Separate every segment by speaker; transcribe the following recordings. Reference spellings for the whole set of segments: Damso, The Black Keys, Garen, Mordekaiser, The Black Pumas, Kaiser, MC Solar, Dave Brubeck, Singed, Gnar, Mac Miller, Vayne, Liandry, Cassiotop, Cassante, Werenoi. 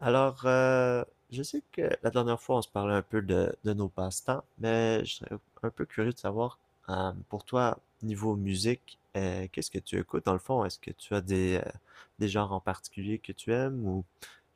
Speaker 1: Alors, euh, je sais que la dernière fois, on se parlait un peu de nos passe-temps, mais je serais un peu curieux de savoir, pour toi, niveau musique, qu'est-ce que tu écoutes dans le fond? Est-ce que tu as des des genres en particulier que tu aimes ou,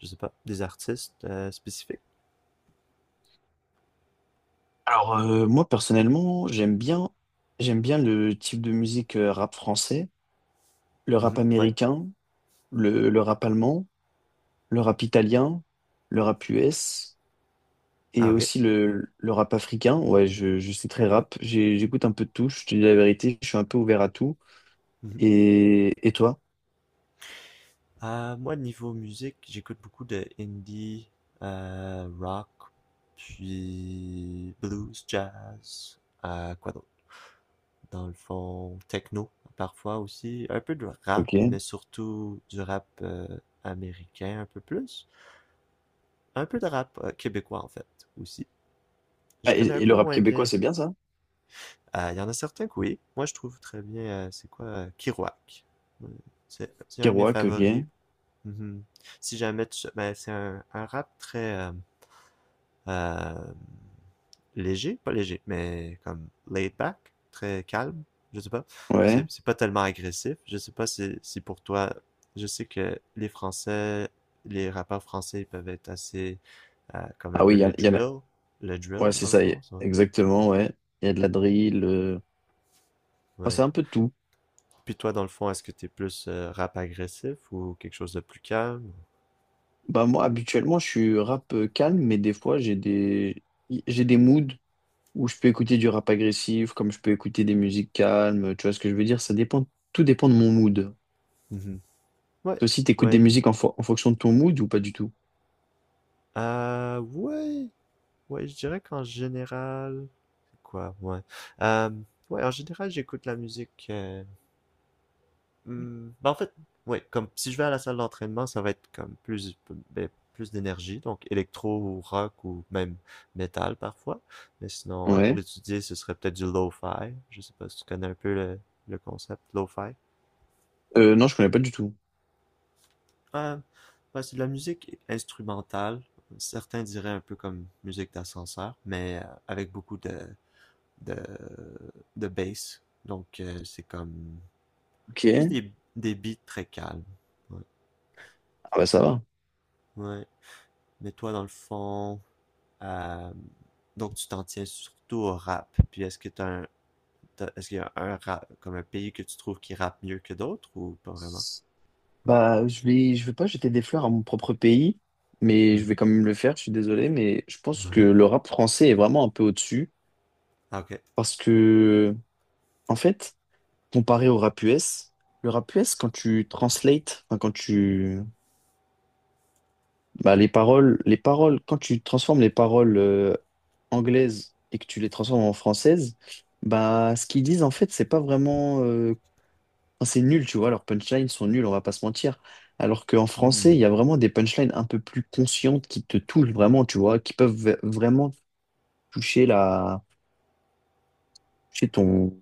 Speaker 1: je sais pas, des artistes spécifiques?
Speaker 2: Alors moi personnellement, j'aime bien le type de musique rap français, le rap
Speaker 1: Mhm. Ouais.
Speaker 2: américain, le rap allemand, le rap italien, le rap US
Speaker 1: Ah,
Speaker 2: et
Speaker 1: ok.
Speaker 2: aussi le rap africain. Ouais, je suis très rap. J'écoute un peu de tout, je te dis la vérité, je suis un peu ouvert à tout.
Speaker 1: Mhm.
Speaker 2: Et toi?
Speaker 1: Moi, niveau musique, j'écoute beaucoup de indie, rock, puis blues, jazz, quoi d'autre? Dans le fond, techno parfois aussi, un peu de rap,
Speaker 2: Ok.
Speaker 1: mais surtout du rap américain un peu plus, un peu de rap québécois en fait aussi. Je
Speaker 2: Ah, et,
Speaker 1: connais un
Speaker 2: et le
Speaker 1: peu
Speaker 2: rap
Speaker 1: moins
Speaker 2: québécois,
Speaker 1: bien.
Speaker 2: c'est bien ça?
Speaker 1: Il y en a certains que oui. Moi, je trouve très bien, c'est quoi, Kerouac. Euh, c'est un de mes
Speaker 2: Kerouac, ok.
Speaker 1: favoris. Mhm. Si jamais tu... Ben, c'est un rap très... euh, léger, pas léger, mais comme laid back, très calme. Je sais pas. C'est,
Speaker 2: Ouais.
Speaker 1: c'est pas tellement agressif. Je sais pas si, si pour toi, je sais que les Français, les rappeurs français ils peuvent être assez comme un
Speaker 2: Ah
Speaker 1: peu
Speaker 2: oui, il y en a.
Speaker 1: le drill
Speaker 2: Ouais, c'est
Speaker 1: dans le
Speaker 2: ça,
Speaker 1: fond, ça.
Speaker 2: exactement, ouais. Il y a de la drill, ah,
Speaker 1: Ouais.
Speaker 2: c'est un peu de tout.
Speaker 1: Puis toi, dans le fond, est-ce que t'es plus rap agressif ou quelque chose de plus calme?
Speaker 2: Bah moi, habituellement, je suis rap calme, mais des fois, j'ai des moods où je peux écouter du rap agressif, comme je peux écouter des musiques calmes, tu vois ce que je veux dire? Ça dépend, tout dépend de mon mood.
Speaker 1: Mhm. Ouais,
Speaker 2: Toi aussi, t'écoutes des
Speaker 1: ouais.
Speaker 2: musiques en fonction de ton mood ou pas du tout?
Speaker 1: Euh, ouais, ouais, je dirais qu'en général, quoi, ouais. Euh, ouais, en général, j'écoute la musique. Ben, en fait, ouais, comme si je vais à la salle d'entraînement, ça va être comme plus, ben, plus d'énergie, donc électro ou rock ou même métal parfois. Mais sinon, pour
Speaker 2: Ouais.
Speaker 1: étudier, ce serait peut-être du lo-fi. Je sais pas si tu connais un peu le concept lo-fi.
Speaker 2: Non, je connais pas du tout.
Speaker 1: Euh, ouais, c'est de la musique instrumentale. Certains diraient un peu comme musique d'ascenseur, mais avec beaucoup de, de bass. Donc, c'est comme juste
Speaker 2: Ok.
Speaker 1: des beats très calmes. Ouais.
Speaker 2: Ah bah ça va.
Speaker 1: Ouais. Mais toi, dans le fond, euh, donc tu t'en tiens surtout au rap. Puis est-ce que est-ce qu'il y a un rap, comme un pays que tu trouves qui rappe mieux que d'autres ou pas vraiment?
Speaker 2: Bah, je vais pas jeter des fleurs à mon propre pays, mais je vais
Speaker 1: Mhm.
Speaker 2: quand même le faire, je suis désolé, mais je pense que
Speaker 1: Ouais.
Speaker 2: le rap français est vraiment un peu au-dessus.
Speaker 1: Ah, ok.
Speaker 2: Parce que, en fait, comparé au rap US, le rap US, quand tu translates, enfin, quand tu, bah, les paroles, quand tu transformes les paroles anglaises et que tu les transformes en françaises, bah, ce qu'ils disent, en fait, c'est pas vraiment, enfin, c'est nul, tu vois, leurs punchlines sont nuls, on va pas se mentir. Alors qu'en français,
Speaker 1: Hmm.
Speaker 2: il y a vraiment des punchlines un peu plus conscientes qui te touchent vraiment, tu vois, qui peuvent vraiment toucher la, toucher ton,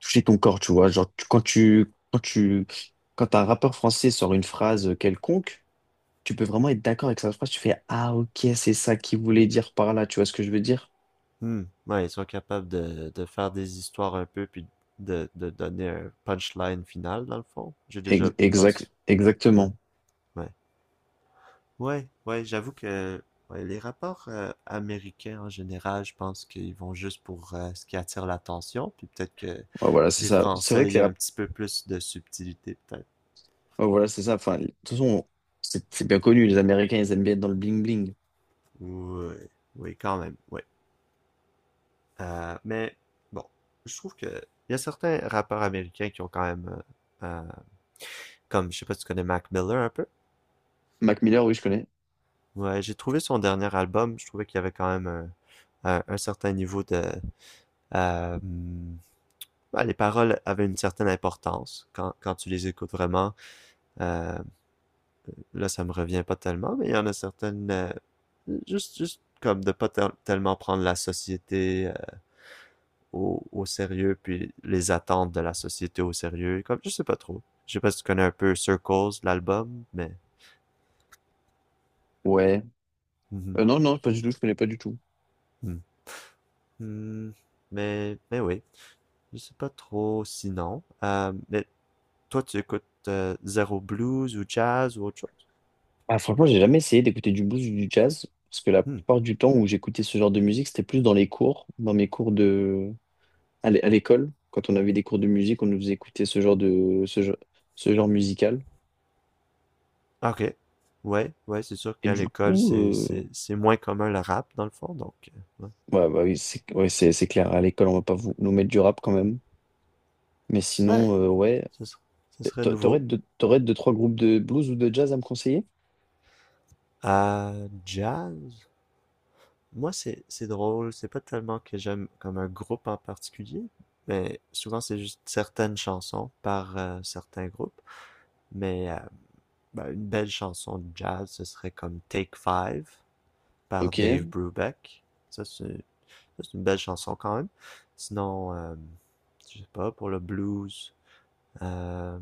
Speaker 2: toucher ton corps, tu vois. Genre, quand un rappeur français sort une phrase quelconque, tu peux vraiment être d'accord avec sa phrase. Tu fais, ah, ok, c'est ça qu'il voulait dire par là. Tu vois ce que je veux dire?
Speaker 1: Hmm. Ouais, ils sont capables de faire des histoires un peu, puis de donner un punchline final, dans le fond. J'ai déjà, je
Speaker 2: Exact,
Speaker 1: pense. Ouais,
Speaker 2: exactement.
Speaker 1: ouais. Ouais, ouais, j'avoue que ouais, les rapports américains en général, je pense qu'ils vont juste pour ce qui attire l'attention, puis peut-être que
Speaker 2: Ouais, voilà, c'est
Speaker 1: les
Speaker 2: ça. C'est vrai
Speaker 1: Français, il
Speaker 2: que
Speaker 1: y
Speaker 2: les
Speaker 1: a un
Speaker 2: rap-
Speaker 1: petit peu plus de subtilité, peut-être.
Speaker 2: ouais, voilà, c'est ça. Enfin, de toute façon, c'est bien connu. Les Américains, ils aiment bien être dans le bling-bling.
Speaker 1: Oui, oui, quand même, oui. Mais bon, je trouve que il y a certains rappeurs américains qui ont quand même, euh, euh, comme je sais pas si tu connais Mac Miller un peu.
Speaker 2: Mac Miller, oui, je connais.
Speaker 1: Ouais, j'ai trouvé son dernier album, je trouvais qu'il y avait quand même un certain niveau de euh, hmm, ben, les paroles avaient une certaine importance quand tu les écoutes vraiment. Euh, là, ça me revient pas tellement, mais il y en a certaines, euh, juste comme de pas tellement prendre la société euh, au sérieux, puis les attentes de la société au sérieux. Comme, je sais pas trop. Je sais pas si tu connais un peu Circles, l'album, mais.
Speaker 2: Ouais.
Speaker 1: Mhm.
Speaker 2: Non, non, pas du tout. Je connais pas du tout.
Speaker 1: Mhm. Mhm. Mais oui, je sais pas trop sinon. Mais toi, tu écoutes zéro blues ou jazz ou autre chose?
Speaker 2: Ah, franchement, j'ai jamais essayé d'écouter du blues ou du jazz, parce que la
Speaker 1: Hmm.
Speaker 2: plupart du temps où j'écoutais ce genre de musique, c'était plus dans les cours, dans mes cours de, à l'école, quand on avait des cours de musique, on nous faisait écouter ce genre musical.
Speaker 1: Ah, ok. Ouais, ouais, c'est sûr
Speaker 2: Et
Speaker 1: qu'à
Speaker 2: du
Speaker 1: l'école,
Speaker 2: coup,
Speaker 1: c'est, c'est, c'est moins commun le rap, dans le fond, donc, ouais.
Speaker 2: ouais, bah oui, c'est ouais, c'est clair. À l'école, on va pas vous, nous mettre du rap quand même. Mais
Speaker 1: Ben,
Speaker 2: sinon,
Speaker 1: ce serait, ce serait nouveau.
Speaker 2: T'aurais deux, trois groupes de blues ou de jazz à me conseiller?
Speaker 1: Jazz? Moi, c'est drôle, c'est pas tellement que j'aime comme un groupe en particulier, mais souvent, c'est juste certaines chansons par certains groupes, mais ben, une belle chanson de jazz, ce serait comme Take Five par
Speaker 2: Ok,
Speaker 1: Dave Brubeck. Ça, c'est, ça, c'est une belle chanson quand même. Sinon, je sais pas, pour le blues, Euh,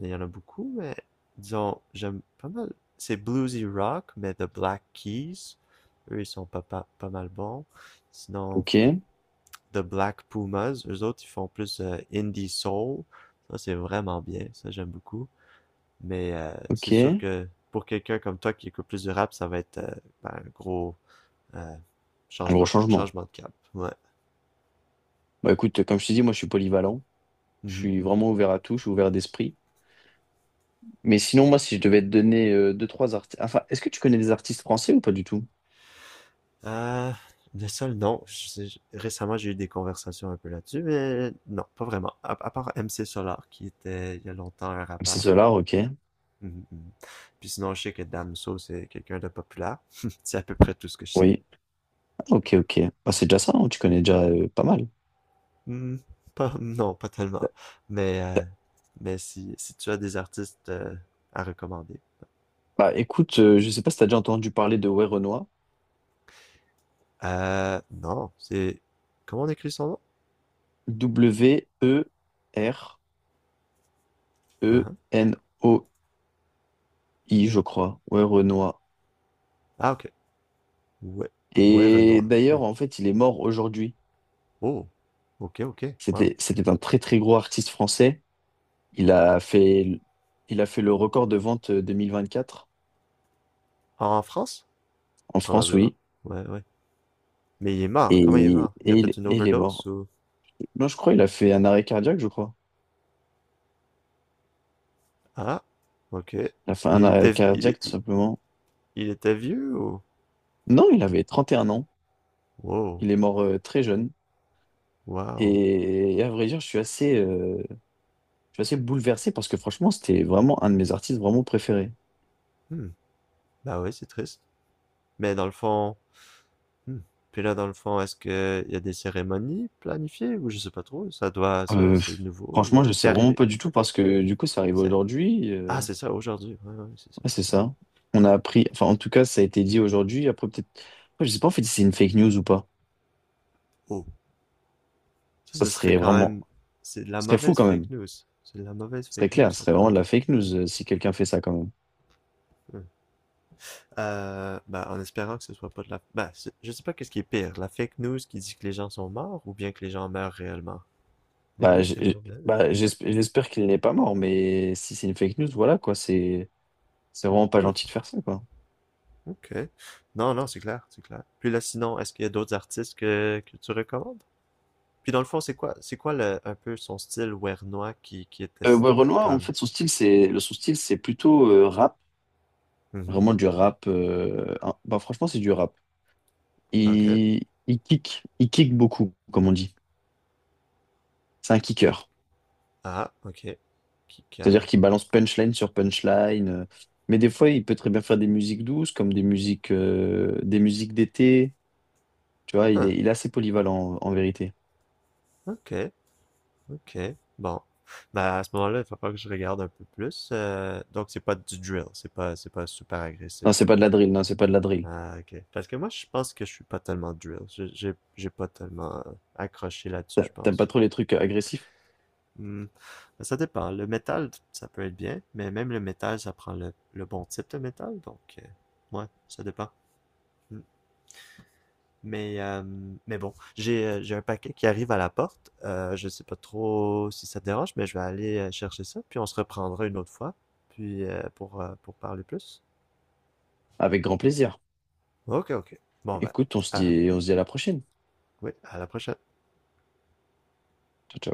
Speaker 1: il y en a beaucoup, mais disons, j'aime pas mal. C'est bluesy rock, mais The Black Keys, eux, ils sont pas mal bons. Sinon,
Speaker 2: ok,
Speaker 1: The Black Pumas, eux autres, ils font plus indie soul. Ça, c'est vraiment bien. Ça, j'aime beaucoup. Mais c'est sûr
Speaker 2: ok.
Speaker 1: que pour quelqu'un comme toi qui écoute plus de rap, ça va être ben, un gros euh,
Speaker 2: Un gros changement.
Speaker 1: changement de cap. Ouais.
Speaker 2: Bah écoute, comme je t'ai dit, moi je suis polyvalent. Je
Speaker 1: Mhm,
Speaker 2: suis
Speaker 1: mhm.
Speaker 2: vraiment ouvert à tout, je suis ouvert d'esprit. Mais sinon, moi, si je devais te donner deux, trois artistes. Enfin, est-ce que tu connais des artistes français ou pas du tout?
Speaker 1: Euh, le sol, non. Je- Récemment, j'ai eu des conversations un peu là-dessus, mais non, pas vraiment. À part MC Solar, qui était il y a longtemps un
Speaker 2: C'est
Speaker 1: rappeur.
Speaker 2: cela. Ok.
Speaker 1: Mhm, mhm. Puis sinon, je sais que Damso, c'est quelqu'un de populaire. C'est à peu près tout ce que je sais.
Speaker 2: Oui. Ok, ok. Bah, c'est déjà ça, hein, tu connais déjà pas mal.
Speaker 1: Hmm, pas, non, pas tellement. Mais, euh,
Speaker 2: T'as-
Speaker 1: mais si, si tu as des artistes à recommander.
Speaker 2: Bah écoute, je sais pas si t'as déjà entendu parler de Werenoi.
Speaker 1: Non, c'est... Comment on écrit son nom? Uh-huh.
Speaker 2: W-E-R-E-N-O-I, je crois. Werenoi.
Speaker 1: Ah, ok. Ouais, ouais,
Speaker 2: Et
Speaker 1: Renoir. Hmm.
Speaker 2: d'ailleurs, en fait, il est mort aujourd'hui.
Speaker 1: Oh, ok, ok. Wow.
Speaker 2: C'était un très très gros artiste français. Il a fait, il a fait le record de vente 2024
Speaker 1: En France?
Speaker 2: en France,
Speaker 1: Probablement.
Speaker 2: oui.
Speaker 1: Ouais, ouais. Mais il est mort. Comment il est
Speaker 2: Et,
Speaker 1: mort? Il a fait
Speaker 2: et
Speaker 1: une
Speaker 2: il est
Speaker 1: overdose
Speaker 2: mort.
Speaker 1: ou...
Speaker 2: Non, je crois il a fait un arrêt cardiaque, je crois.
Speaker 1: Ah, ok. Mais
Speaker 2: Il a fait un
Speaker 1: il
Speaker 2: arrêt
Speaker 1: était, il, est-
Speaker 2: cardiaque, tout simplement.
Speaker 1: il était vieux ou...
Speaker 2: Non, il avait 31 ans.
Speaker 1: Wow,
Speaker 2: Il est mort très jeune.
Speaker 1: wow.
Speaker 2: Et à vrai dire, je suis assez bouleversé parce que franchement, c'était vraiment un de mes artistes vraiment préférés.
Speaker 1: Hmm. Bah oui, c'est triste. Mais dans le fond... hmm. Puis là, dans le fond, est-ce que il y a des cérémonies planifiées ou je sais pas trop? Ça doit... Ça,
Speaker 2: Euh,
Speaker 1: c'est nouveau
Speaker 2: Franchement,
Speaker 1: ou...
Speaker 2: je
Speaker 1: C'est
Speaker 2: sais vraiment
Speaker 1: arrivé.
Speaker 2: pas du tout parce que du coup, ça arrive
Speaker 1: C'est-
Speaker 2: aujourd'hui.
Speaker 1: Ah, c'est ça, aujourd'hui. Ouais, ouais, c'est ça.
Speaker 2: Ouais, c'est ça. On a appris, enfin, en tout cas, ça a été dit aujourd'hui. Après, peut-être, après, je sais pas en fait si c'est une fake news ou pas.
Speaker 1: Oh. Ça,
Speaker 2: Ça
Speaker 1: ce serait
Speaker 2: serait
Speaker 1: quand
Speaker 2: vraiment,
Speaker 1: même... C'est de la
Speaker 2: ce serait fou
Speaker 1: mauvaise
Speaker 2: quand même.
Speaker 1: fake news. C'est de la mauvaise
Speaker 2: Ce serait
Speaker 1: fake news,
Speaker 2: clair, ce
Speaker 1: ça,
Speaker 2: serait
Speaker 1: quand
Speaker 2: vraiment de
Speaker 1: même.
Speaker 2: la fake news si quelqu'un fait ça quand même.
Speaker 1: Ouais. Bah, en espérant que ce soit pas de la... je sais pas qu'est-ce qui est pire, la fake news qui dit que les gens sont morts ou bien que les gens meurent réellement. Les deux, c'est mauvais.
Speaker 2: Bah, j'espère qu'il n'est pas mort, mais si c'est une fake news, voilà quoi, c'est vraiment pas
Speaker 1: Hmm,
Speaker 2: gentil de faire ça quoi.
Speaker 1: ok. Non, non, c'est clair, c'est clair. Puis là, sinon, est-ce qu'il y a d'autres artistes que tu recommandes? Puis dans le fond, c'est quoi un peu son style wernois qui était s-
Speaker 2: Ouais, Renoir, en
Speaker 1: comme...
Speaker 2: fait, son style, son style, c'est plutôt rap,
Speaker 1: Mhm,
Speaker 2: vraiment du rap. Hein. Bah, franchement, c'est du rap.
Speaker 1: ok.
Speaker 2: Il kick beaucoup, comme on dit. C'est un kicker.
Speaker 1: Il... Ah, ok. Qui
Speaker 2: C'est-à-dire
Speaker 1: a...
Speaker 2: qu'il balance punchline sur punchline. Mais des fois, il peut très bien faire des musiques douces, comme des musiques d'été. Tu vois,
Speaker 1: Huh,
Speaker 2: il est assez polyvalent en vérité.
Speaker 1: ok. Ok, bon. Bah, à ce moment-là, il va falloir que je regarde un peu plus. Donc, c'est pas du drill, c'est pas super agressif.
Speaker 2: Non, c'est pas de la drill, non, c'est pas de la drill.
Speaker 1: Ah, ok. Parce que moi, je pense que je suis pas tellement drill. J'ai pas tellement accroché là-dessus, je
Speaker 2: T'aimes pas
Speaker 1: pense.
Speaker 2: trop les trucs agressifs?
Speaker 1: Hmm. Ben, ça dépend. Le métal, ça peut être bien, mais même le métal, ça prend le bon type de métal, donc, ouais, ça dépend. Hmm. Mais, euh, mais bon, j'ai un paquet qui arrive à la porte. Je sais pas trop si ça te dérange, mais je vais aller chercher ça, puis on se reprendra une autre fois, puis pour parler plus.
Speaker 2: Avec grand plaisir.
Speaker 1: Ok, ok. Bon ben,
Speaker 2: Écoute,
Speaker 1: à-
Speaker 2: on se dit à la prochaine.
Speaker 1: oui, à la prochaine.
Speaker 2: Ciao, ciao.